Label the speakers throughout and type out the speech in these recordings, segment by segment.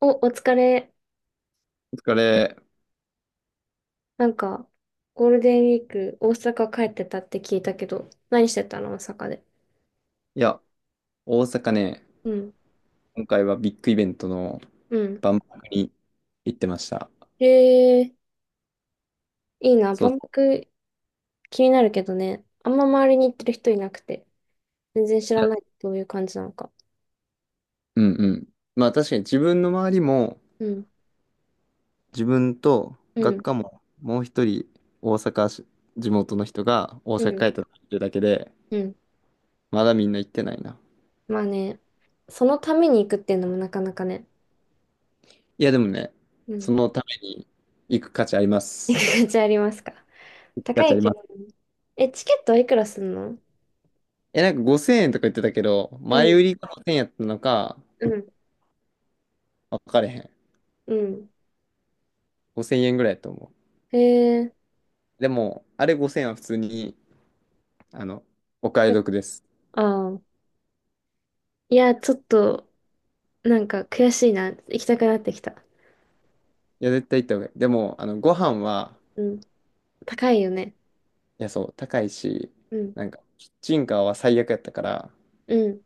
Speaker 1: お、お疲れ。
Speaker 2: お疲れ。
Speaker 1: なんか、ゴールデンウィーク、大阪帰ってたって聞いたけど、何してたの大阪で？
Speaker 2: いや、大阪ね、
Speaker 1: うん。
Speaker 2: 今回はビッグイベントの
Speaker 1: うん。
Speaker 2: 万博に行ってました。
Speaker 1: へえ、いいな。
Speaker 2: そう。
Speaker 1: 万博気になるけどね。あんま周りに行ってる人いなくて、全然知らないどういう感じなのか。
Speaker 2: うんうん。まあ確かに自分の周りも、
Speaker 1: うん。
Speaker 2: 自分と
Speaker 1: う
Speaker 2: 学
Speaker 1: ん。
Speaker 2: 科ももう一人大阪し、地元の人が大
Speaker 1: う
Speaker 2: 阪帰
Speaker 1: ん。
Speaker 2: ったっていうだけで、
Speaker 1: うん。
Speaker 2: まだみんな行ってないな。
Speaker 1: まあね、そのために行くっていうのもなかなかね。
Speaker 2: いやでもね、
Speaker 1: うん。
Speaker 2: そのために行く価値ありま
Speaker 1: 行
Speaker 2: す。
Speaker 1: く価値ありますか？
Speaker 2: 価
Speaker 1: 高
Speaker 2: 値あ
Speaker 1: い
Speaker 2: り
Speaker 1: け
Speaker 2: ま
Speaker 1: ど
Speaker 2: す。
Speaker 1: ね。え、チケットはいくらすんの？
Speaker 2: え、なんか5000円とか言ってたけど、
Speaker 1: う
Speaker 2: 前
Speaker 1: ん。
Speaker 2: 売りが5000円やったのか、
Speaker 1: うん。
Speaker 2: 分かれへん。
Speaker 1: うん。
Speaker 2: 5000円ぐらいやと思う。
Speaker 1: へえ。
Speaker 2: でも、あれ5000円は普通に、あの、お買い得です。
Speaker 1: ああ。いや、ちょっと、なんか悔しいな。行きたくなってきた。
Speaker 2: いや、絶対行った方がいい。でも、ご飯は、
Speaker 1: うん。高いよね。
Speaker 2: いや、そう、高いし、
Speaker 1: うん。
Speaker 2: なんか、キッチンカーは最悪やったから、
Speaker 1: うん。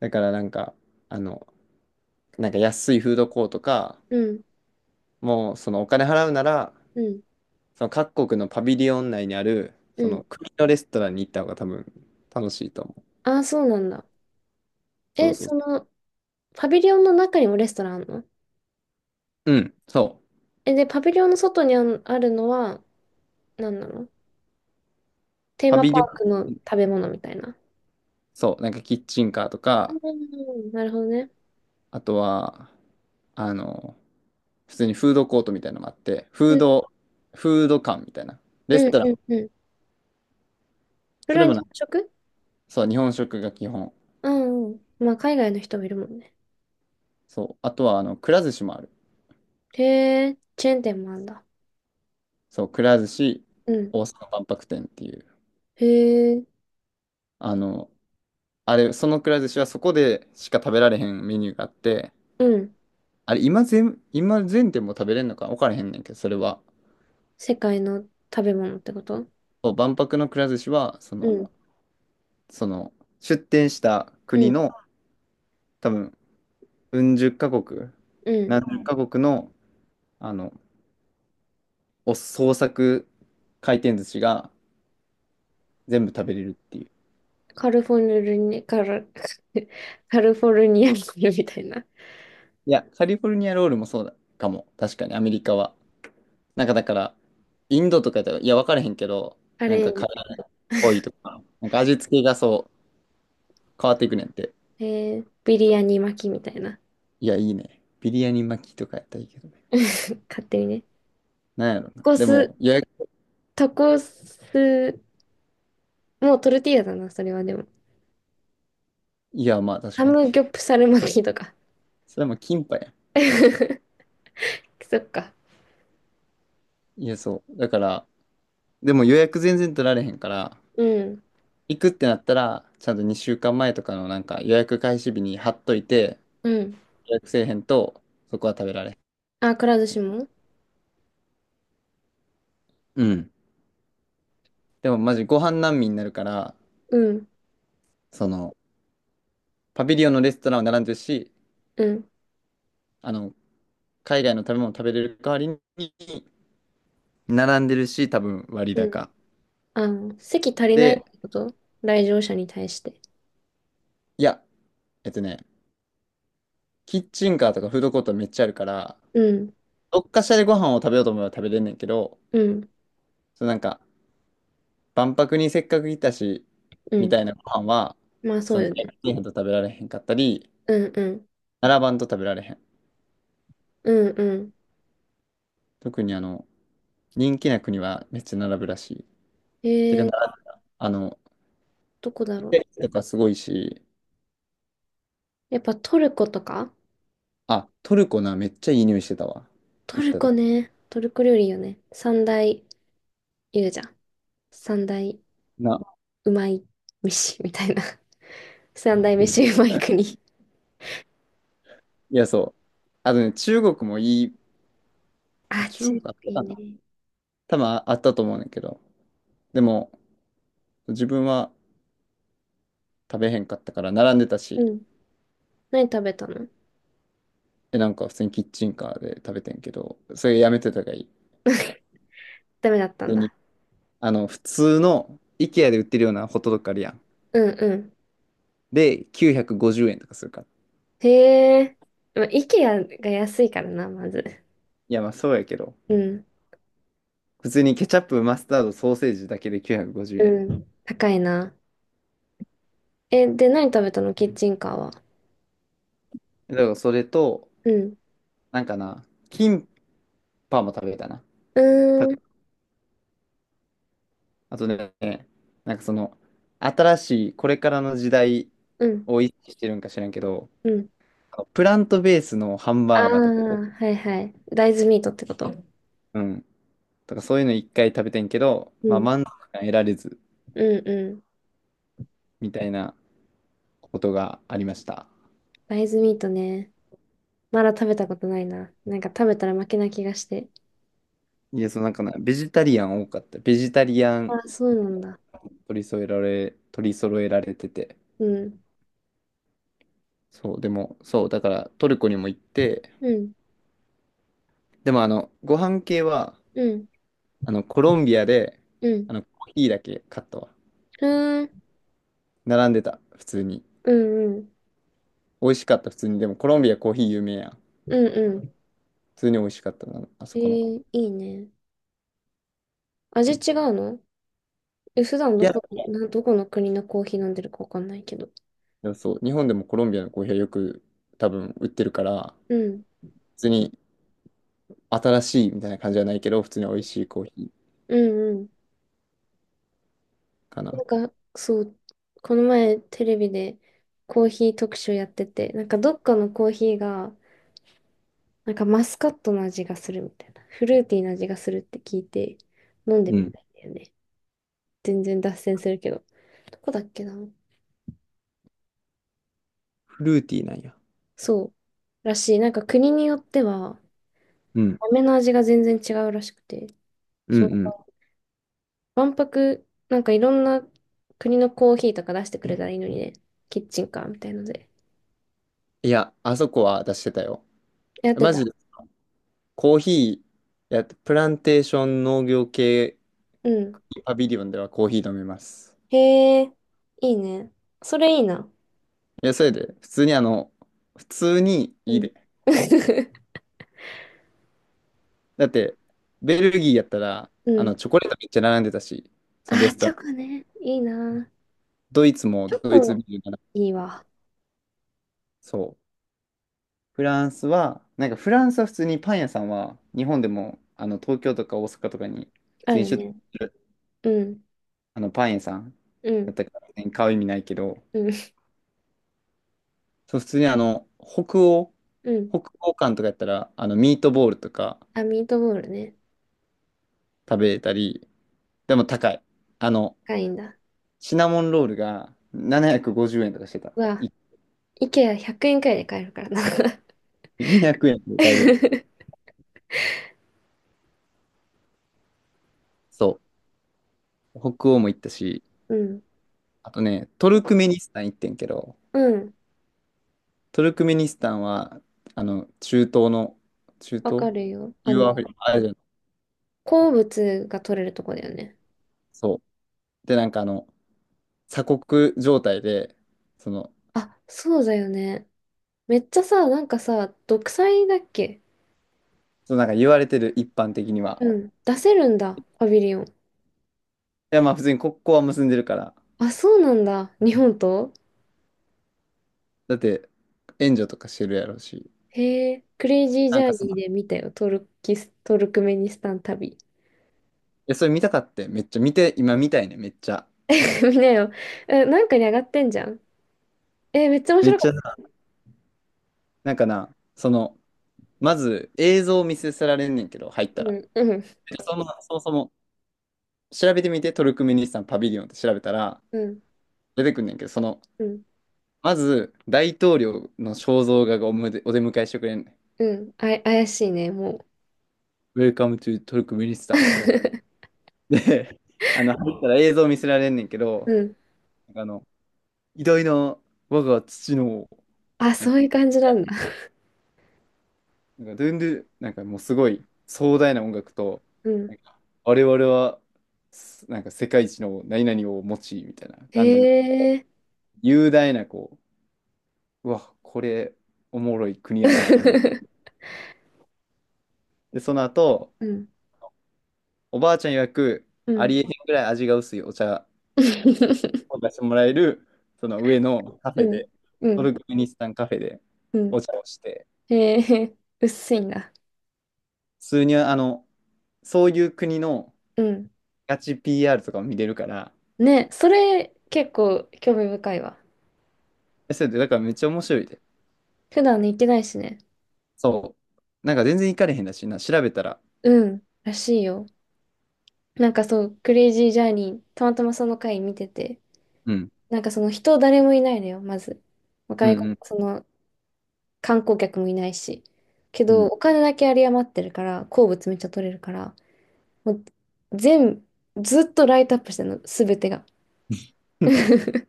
Speaker 2: だからなんか、あの、なんか安いフードコートか、
Speaker 1: うん。
Speaker 2: もう、そのお金払うなら、
Speaker 1: うん。
Speaker 2: その各国のパビリオン内にある、
Speaker 1: う
Speaker 2: そ
Speaker 1: ん。
Speaker 2: の国のレストランに行った方が多分楽しいと思う。
Speaker 1: ああ、そうなんだ。
Speaker 2: そ
Speaker 1: え、
Speaker 2: うそ
Speaker 1: そ
Speaker 2: う。
Speaker 1: の、パビリオンの中にもレストランあるの？
Speaker 2: うん、そう。
Speaker 1: え、で、パビリオンの外にあんあるのは、何なの？テー
Speaker 2: パ
Speaker 1: マ
Speaker 2: ビ
Speaker 1: パ
Speaker 2: リオン、
Speaker 1: ークの食べ物みたいな。
Speaker 2: そう、なんかキッチンカーとか、
Speaker 1: うん。なるほどね。
Speaker 2: あとは、あの、普通にフードコートみたいなのがあって、
Speaker 1: うん。
Speaker 2: フード館みたいな。レス
Speaker 1: うん。
Speaker 2: トラン。
Speaker 1: うん。うん。そ
Speaker 2: そ
Speaker 1: れ
Speaker 2: れ
Speaker 1: は
Speaker 2: も
Speaker 1: 日
Speaker 2: な、
Speaker 1: 本食？
Speaker 2: そう、日本食が基本。
Speaker 1: うんうん。まあ、海外の人もいるもんね。
Speaker 2: そう。あとは、くら寿司もある。
Speaker 1: へえ、チェーン店もあんだ。
Speaker 2: そう、くら寿司、
Speaker 1: うん。
Speaker 2: 大阪万博店っていう。
Speaker 1: へえ、
Speaker 2: あの、あれ、そのくら寿司はそこでしか食べられへんメニューがあって、
Speaker 1: うん。
Speaker 2: あれ、今全店も食べれんのか分からへんねんけど、それは。
Speaker 1: 世界の食べ物ってこと？
Speaker 2: そう、万博のくら寿司は、
Speaker 1: うん、
Speaker 2: その、出店した
Speaker 1: う
Speaker 2: 国
Speaker 1: ん、
Speaker 2: の、多分、うん十カ国、
Speaker 1: うん。
Speaker 2: 何十カ国の、あの、お創作回転寿司が全部食べれるっていう。
Speaker 1: カルフォルニア、カル、カルフォルニアコール みたいな。
Speaker 2: いや、カリフォルニアロールもそうだかも。確かに、アメリカは。なんかだから、インドとかやったら、いや、分からへんけど、
Speaker 1: あ
Speaker 2: なん
Speaker 1: れ、
Speaker 2: かカレーっぽいとか、なんか味付けがそう、変わっていくねんって。
Speaker 1: えー、ビリヤニ巻きみたいな。
Speaker 2: いや、いいね。ビリヤニ巻きとかやったらいいけどね。
Speaker 1: 勝手にね。
Speaker 2: なんやろ
Speaker 1: タ
Speaker 2: な。
Speaker 1: コ
Speaker 2: で
Speaker 1: ス、
Speaker 2: も、
Speaker 1: タコス、もうトルティーヤだな、それはでも。
Speaker 2: いや、まあ確
Speaker 1: ハ
Speaker 2: かに。
Speaker 1: ムギョプサル巻きとか。
Speaker 2: それもキンパや
Speaker 1: そっか。
Speaker 2: ん。いや、そう。だから、でも予約全然取られへんから、
Speaker 1: うん、
Speaker 2: 行くってなったら、ちゃんと2週間前とかのなんか予約開始日に貼っといて、
Speaker 1: うん。
Speaker 2: 予約せえへんと、そこは食べられ
Speaker 1: あ、くら寿司も？
Speaker 2: へん。うん。でもマジご飯難民になるから、
Speaker 1: うん、
Speaker 2: その、パビリオンのレストランは並んでるし、
Speaker 1: うん、
Speaker 2: あの、海外の食べ物食べれる代わりに、並んでるし、多分割
Speaker 1: うん。
Speaker 2: 高。
Speaker 1: あ、席足りないっ
Speaker 2: で、
Speaker 1: てこと？来場者に対して。
Speaker 2: いや、えっとね、キッチンカーとかフードコートめっちゃあるから、
Speaker 1: うん、
Speaker 2: どっかしらでご飯を食べようと思えば食べれんねんけど、
Speaker 1: うん、
Speaker 2: そうなんか、万博にせっかく来たし、
Speaker 1: う
Speaker 2: み
Speaker 1: ん。
Speaker 2: たいなご飯は、
Speaker 1: まあそ
Speaker 2: そ
Speaker 1: う
Speaker 2: の、
Speaker 1: よね。
Speaker 2: 日本と食べられへんかったり、
Speaker 1: うん、うん。
Speaker 2: 並ばんと食べられへん。
Speaker 1: うんうん。
Speaker 2: 特に人気な国はめっちゃ並ぶらしい。てか、
Speaker 1: えー、
Speaker 2: あの、
Speaker 1: どこだ
Speaker 2: イ
Speaker 1: ろ
Speaker 2: タ
Speaker 1: う。
Speaker 2: リアとかすごいし、
Speaker 1: やっぱトルコとか？
Speaker 2: あ、トルコな、めっちゃいい匂いしてたわ。
Speaker 1: ト
Speaker 2: 行っ
Speaker 1: ル
Speaker 2: た
Speaker 1: コ
Speaker 2: 時。
Speaker 1: ね。トルコ料理よね。三大言うじゃん。三大
Speaker 2: な、
Speaker 1: うまい飯みたいな。三大飯うまい 国。
Speaker 2: いや、そう。あとね、中国もいい、
Speaker 1: あ、
Speaker 2: 中
Speaker 1: 中
Speaker 2: 国あっ
Speaker 1: 国
Speaker 2: た
Speaker 1: いい
Speaker 2: かな
Speaker 1: ね。
Speaker 2: 多分あったと思うねんだけど、でも、自分は食べへんかったから並んでた
Speaker 1: う
Speaker 2: し、
Speaker 1: ん。何食べたの？
Speaker 2: え、なんか普通にキッチンカーで食べてんけど、それやめてた方がいい。
Speaker 1: ダメだった
Speaker 2: 普
Speaker 1: ん
Speaker 2: 通
Speaker 1: だ。
Speaker 2: に、普通の IKEA で売ってるようなホットドッグあるやん。
Speaker 1: うんうん。
Speaker 2: で、950円とかするから。
Speaker 1: へえ。まあ、イケアが安いからな、まず。
Speaker 2: いや、まあそうやけど、
Speaker 1: うん。
Speaker 2: 普通にケチャップ、マスタード、ソーセージだけで950
Speaker 1: う
Speaker 2: 円やで。
Speaker 1: ん。高いな。え、で、何食べたのキッチンカーは？
Speaker 2: だからそれと、
Speaker 1: うん。
Speaker 2: なんかな、キンパも食べたな。
Speaker 1: う
Speaker 2: た
Speaker 1: ーん。
Speaker 2: あとね、なんかその、新しい、これからの時代
Speaker 1: うん。
Speaker 2: を意識してるんか知らんけど、
Speaker 1: うん。
Speaker 2: プラントベースのハン
Speaker 1: ああ、
Speaker 2: バーガーとか、
Speaker 1: はいはい。大豆ミートってこと。
Speaker 2: うん、とかそういうの一回食べてんけど、
Speaker 1: う
Speaker 2: まあ
Speaker 1: ん。
Speaker 2: 満足感得られず、
Speaker 1: うんうん。
Speaker 2: みたいなことがありました。
Speaker 1: 大豆ミートね。まだ食べたことないな。なんか食べたら負けな気がして。
Speaker 2: いや、そうなんかな、ベジタリアン多かった。ベジタリア
Speaker 1: あ
Speaker 2: ン
Speaker 1: あ、そうなんだ。
Speaker 2: 取り揃えられてて。
Speaker 1: うん。
Speaker 2: そう、でも、そう、だからトルコにも行って、
Speaker 1: うん。
Speaker 2: でもご飯系は、
Speaker 1: うん。
Speaker 2: コロンビアで、
Speaker 1: うん。
Speaker 2: コーヒーだけ買ったわ。
Speaker 1: うーん。
Speaker 2: 並んでた、普通に。
Speaker 1: うんうん。
Speaker 2: 美味しかった、普通に。でもコロンビアコーヒー有名やん。
Speaker 1: うんうん。
Speaker 2: 普通に美味しかったな、あ
Speaker 1: え
Speaker 2: そこの子。
Speaker 1: ー、いいね。味違うの？え、普段
Speaker 2: い
Speaker 1: ど
Speaker 2: や、
Speaker 1: こ、な、どこの国のコーヒー飲んでるかわかんないけど。
Speaker 2: でもそう、日本でもコロンビアのコーヒーはよく多分売ってるから、
Speaker 1: うん。
Speaker 2: 普通に新しいみたいな感じじゃないけど、普通に美味しいコーヒ
Speaker 1: うんうん。
Speaker 2: ーかな。
Speaker 1: そう、この前テレビでコーヒー特集やってて、なんかどっかのコーヒーが、なんかマスカットの味がするみたいな。フルーティーな味がするって聞いて飲んで
Speaker 2: う
Speaker 1: み
Speaker 2: ん。
Speaker 1: たいんだよね。全然脱線するけど。どこだっけな？
Speaker 2: フルーティーなんや。
Speaker 1: そう。らしい。なんか国によっては、
Speaker 2: うん、
Speaker 1: 豆の味が全然違うらしくて。
Speaker 2: うん、
Speaker 1: そう。
Speaker 2: うん。
Speaker 1: 万博、なんかいろんな国のコーヒーとか出してくれたらいいのにね。キッチンカーみたいので。
Speaker 2: いや、あそこは出してたよ。
Speaker 1: やって
Speaker 2: マジ
Speaker 1: た。
Speaker 2: で、コーヒーやって、プランテーション農業系
Speaker 1: うん。
Speaker 2: パビリオンではコーヒー飲めます。
Speaker 1: へえ、いいね。それいいな。
Speaker 2: いや、それで、普通に
Speaker 1: う
Speaker 2: いい
Speaker 1: ん。
Speaker 2: で。だって、ベルギーやったら、
Speaker 1: うん。
Speaker 2: チョコレートめっちゃ並んでたし、そのレ
Speaker 1: あー、
Speaker 2: スト
Speaker 1: チ
Speaker 2: ラ
Speaker 1: ョコ
Speaker 2: ン。
Speaker 1: ね。いいな。
Speaker 2: ドイツも
Speaker 1: チョ
Speaker 2: ドイツビ
Speaker 1: コ、
Speaker 2: ール並んで
Speaker 1: いいわ。
Speaker 2: そう。フランスは、なんかフランスは普通にパン屋さんは、日本でも、東京とか大阪とかに、普
Speaker 1: あ
Speaker 2: 通に
Speaker 1: る
Speaker 2: 出店
Speaker 1: ね。
Speaker 2: する
Speaker 1: うん、
Speaker 2: パン屋さん
Speaker 1: う
Speaker 2: やっ
Speaker 1: ん、
Speaker 2: たから、別に買う意味ないけど、
Speaker 1: うん、
Speaker 2: そう、普通に
Speaker 1: うん。
Speaker 2: 北欧館とかやったら、ミートボールとか
Speaker 1: あ、ミートボールね。
Speaker 2: 食べれたり、でも高い。あの、
Speaker 1: 高いんだ。
Speaker 2: シナモンロールが750円とかしてた。
Speaker 1: うわ、
Speaker 2: い
Speaker 1: イケア100円くえんくらいで買えるからな。
Speaker 2: 200円で買えるやん。そう。北欧も行ったし、
Speaker 1: うん、
Speaker 2: あとね、トルクメニスタン行ってんけど、
Speaker 1: うん、
Speaker 2: トルクメニスタンは、中東の、中
Speaker 1: わ
Speaker 2: 東
Speaker 1: かるよ。あ
Speaker 2: 中央アフ
Speaker 1: の、
Speaker 2: リカ、アジアの
Speaker 1: 鉱物が取れるとこだよね。
Speaker 2: そう。で、なんか鎖国状態で、その、
Speaker 1: あ、そうだよね。めっちゃさ、なんかさ、独裁だっけ？
Speaker 2: そうなんか言われてる一般的には、
Speaker 1: うん、出せるんだ、パビリオン。
Speaker 2: いや、まあ普通に国交は結んでるから。
Speaker 1: あ、そうなんだ、日本と？
Speaker 2: だって、援助とかしてるやろうし。
Speaker 1: へえ、クレイジージ
Speaker 2: なん
Speaker 1: ャ
Speaker 2: か
Speaker 1: ーニーで
Speaker 2: い
Speaker 1: 見たよ、トルキス、トルクメニスタン旅。
Speaker 2: や、それ見たかって、めっちゃ見て、今見たいね、めっちゃ。
Speaker 1: 見なよ。え、なんかに上がってんじゃん。え、めっちゃ面
Speaker 2: めっ
Speaker 1: 白かっ
Speaker 2: ちゃ
Speaker 1: た。
Speaker 2: な、なんかな、まず映像を見せられんねんけど、入った
Speaker 1: う
Speaker 2: ら。
Speaker 1: ん、うん、
Speaker 2: でそもそも、調べてみて、トルクメニスタンパビリオンって調べたら、
Speaker 1: うん、
Speaker 2: 出てくんねんけど、
Speaker 1: うん、
Speaker 2: まず、大統領の肖像画がおむでお出迎えしてくれんねん。
Speaker 1: うん、あい、怪しいね、もう。
Speaker 2: Welcome to トルクメニスタンみたい な。で、入ったら映像見せられんねんけど、
Speaker 1: うん。
Speaker 2: なんか偉大な我が父の
Speaker 1: あ、
Speaker 2: なん
Speaker 1: そ
Speaker 2: か、
Speaker 1: ういう感じなんだ。
Speaker 2: なんかドゥンドゥ、なんかもうすごい壮大な音楽と、
Speaker 1: う
Speaker 2: な
Speaker 1: ん。
Speaker 2: んか我々は、なんか世界一の何々を持ち、みたいな
Speaker 1: へ
Speaker 2: 感じの
Speaker 1: え。
Speaker 2: 雄大な、こう、うわ、これ、おもろい国やなと思って、でその後、
Speaker 1: うん、
Speaker 2: おばあちゃん曰く、
Speaker 1: う
Speaker 2: あり
Speaker 1: ん。
Speaker 2: えへんぐらい味が薄いお茶 を出してもらえる、その上のカフ
Speaker 1: う
Speaker 2: ェで、
Speaker 1: ん、う
Speaker 2: ト
Speaker 1: ん、
Speaker 2: ルクメニスタンカフェで
Speaker 1: うん。
Speaker 2: お茶をして、
Speaker 1: へえ、薄いんだ。
Speaker 2: 普通にそういう国の、
Speaker 1: うん。
Speaker 2: ガチ PR とかも見れるから、
Speaker 1: ね、それ結構興味深いわ。
Speaker 2: それで、だからめっちゃ面白いで。
Speaker 1: 普段ね、行ってないしね。
Speaker 2: そう。なんか全然行かれへんだしな、調べたら。
Speaker 1: うん、らしいよ。なんかそう、クレイジージャーニー、たまたまその回見てて、
Speaker 2: うん。
Speaker 1: なんかその人誰もいないのよ、まず。
Speaker 2: うん
Speaker 1: 外
Speaker 2: う
Speaker 1: 国、
Speaker 2: ん
Speaker 1: その観光客もいないし。け
Speaker 2: う
Speaker 1: ど、
Speaker 2: ん。
Speaker 1: お金だけ有り余ってるから、鉱物めっちゃ取れるから、もう全、ずっとライトアップしてるの、すべてが。で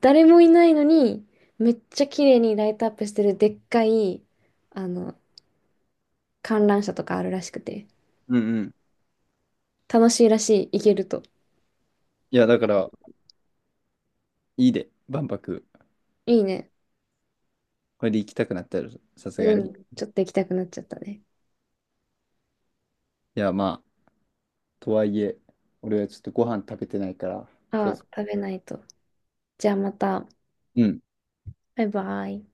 Speaker 1: 誰もいないのに、めっちゃ綺麗にライトアップしてるでっかい、あの、観覧車とかあるらしくて、
Speaker 2: うんうん。
Speaker 1: 楽しいらしい、行けると。
Speaker 2: いや、だから、いいで、万博。
Speaker 1: いいね。
Speaker 2: これで行きたくなったら、さすが
Speaker 1: う
Speaker 2: に。い
Speaker 1: ん、ちょっと行きたくなっちゃったね。
Speaker 2: や、まあ、とはいえ、俺はちょっとご飯食べてないから、そ
Speaker 1: あ
Speaker 2: う
Speaker 1: あ、
Speaker 2: そ
Speaker 1: 食べないと。じゃあまた、
Speaker 2: う。うん。
Speaker 1: バイバイ。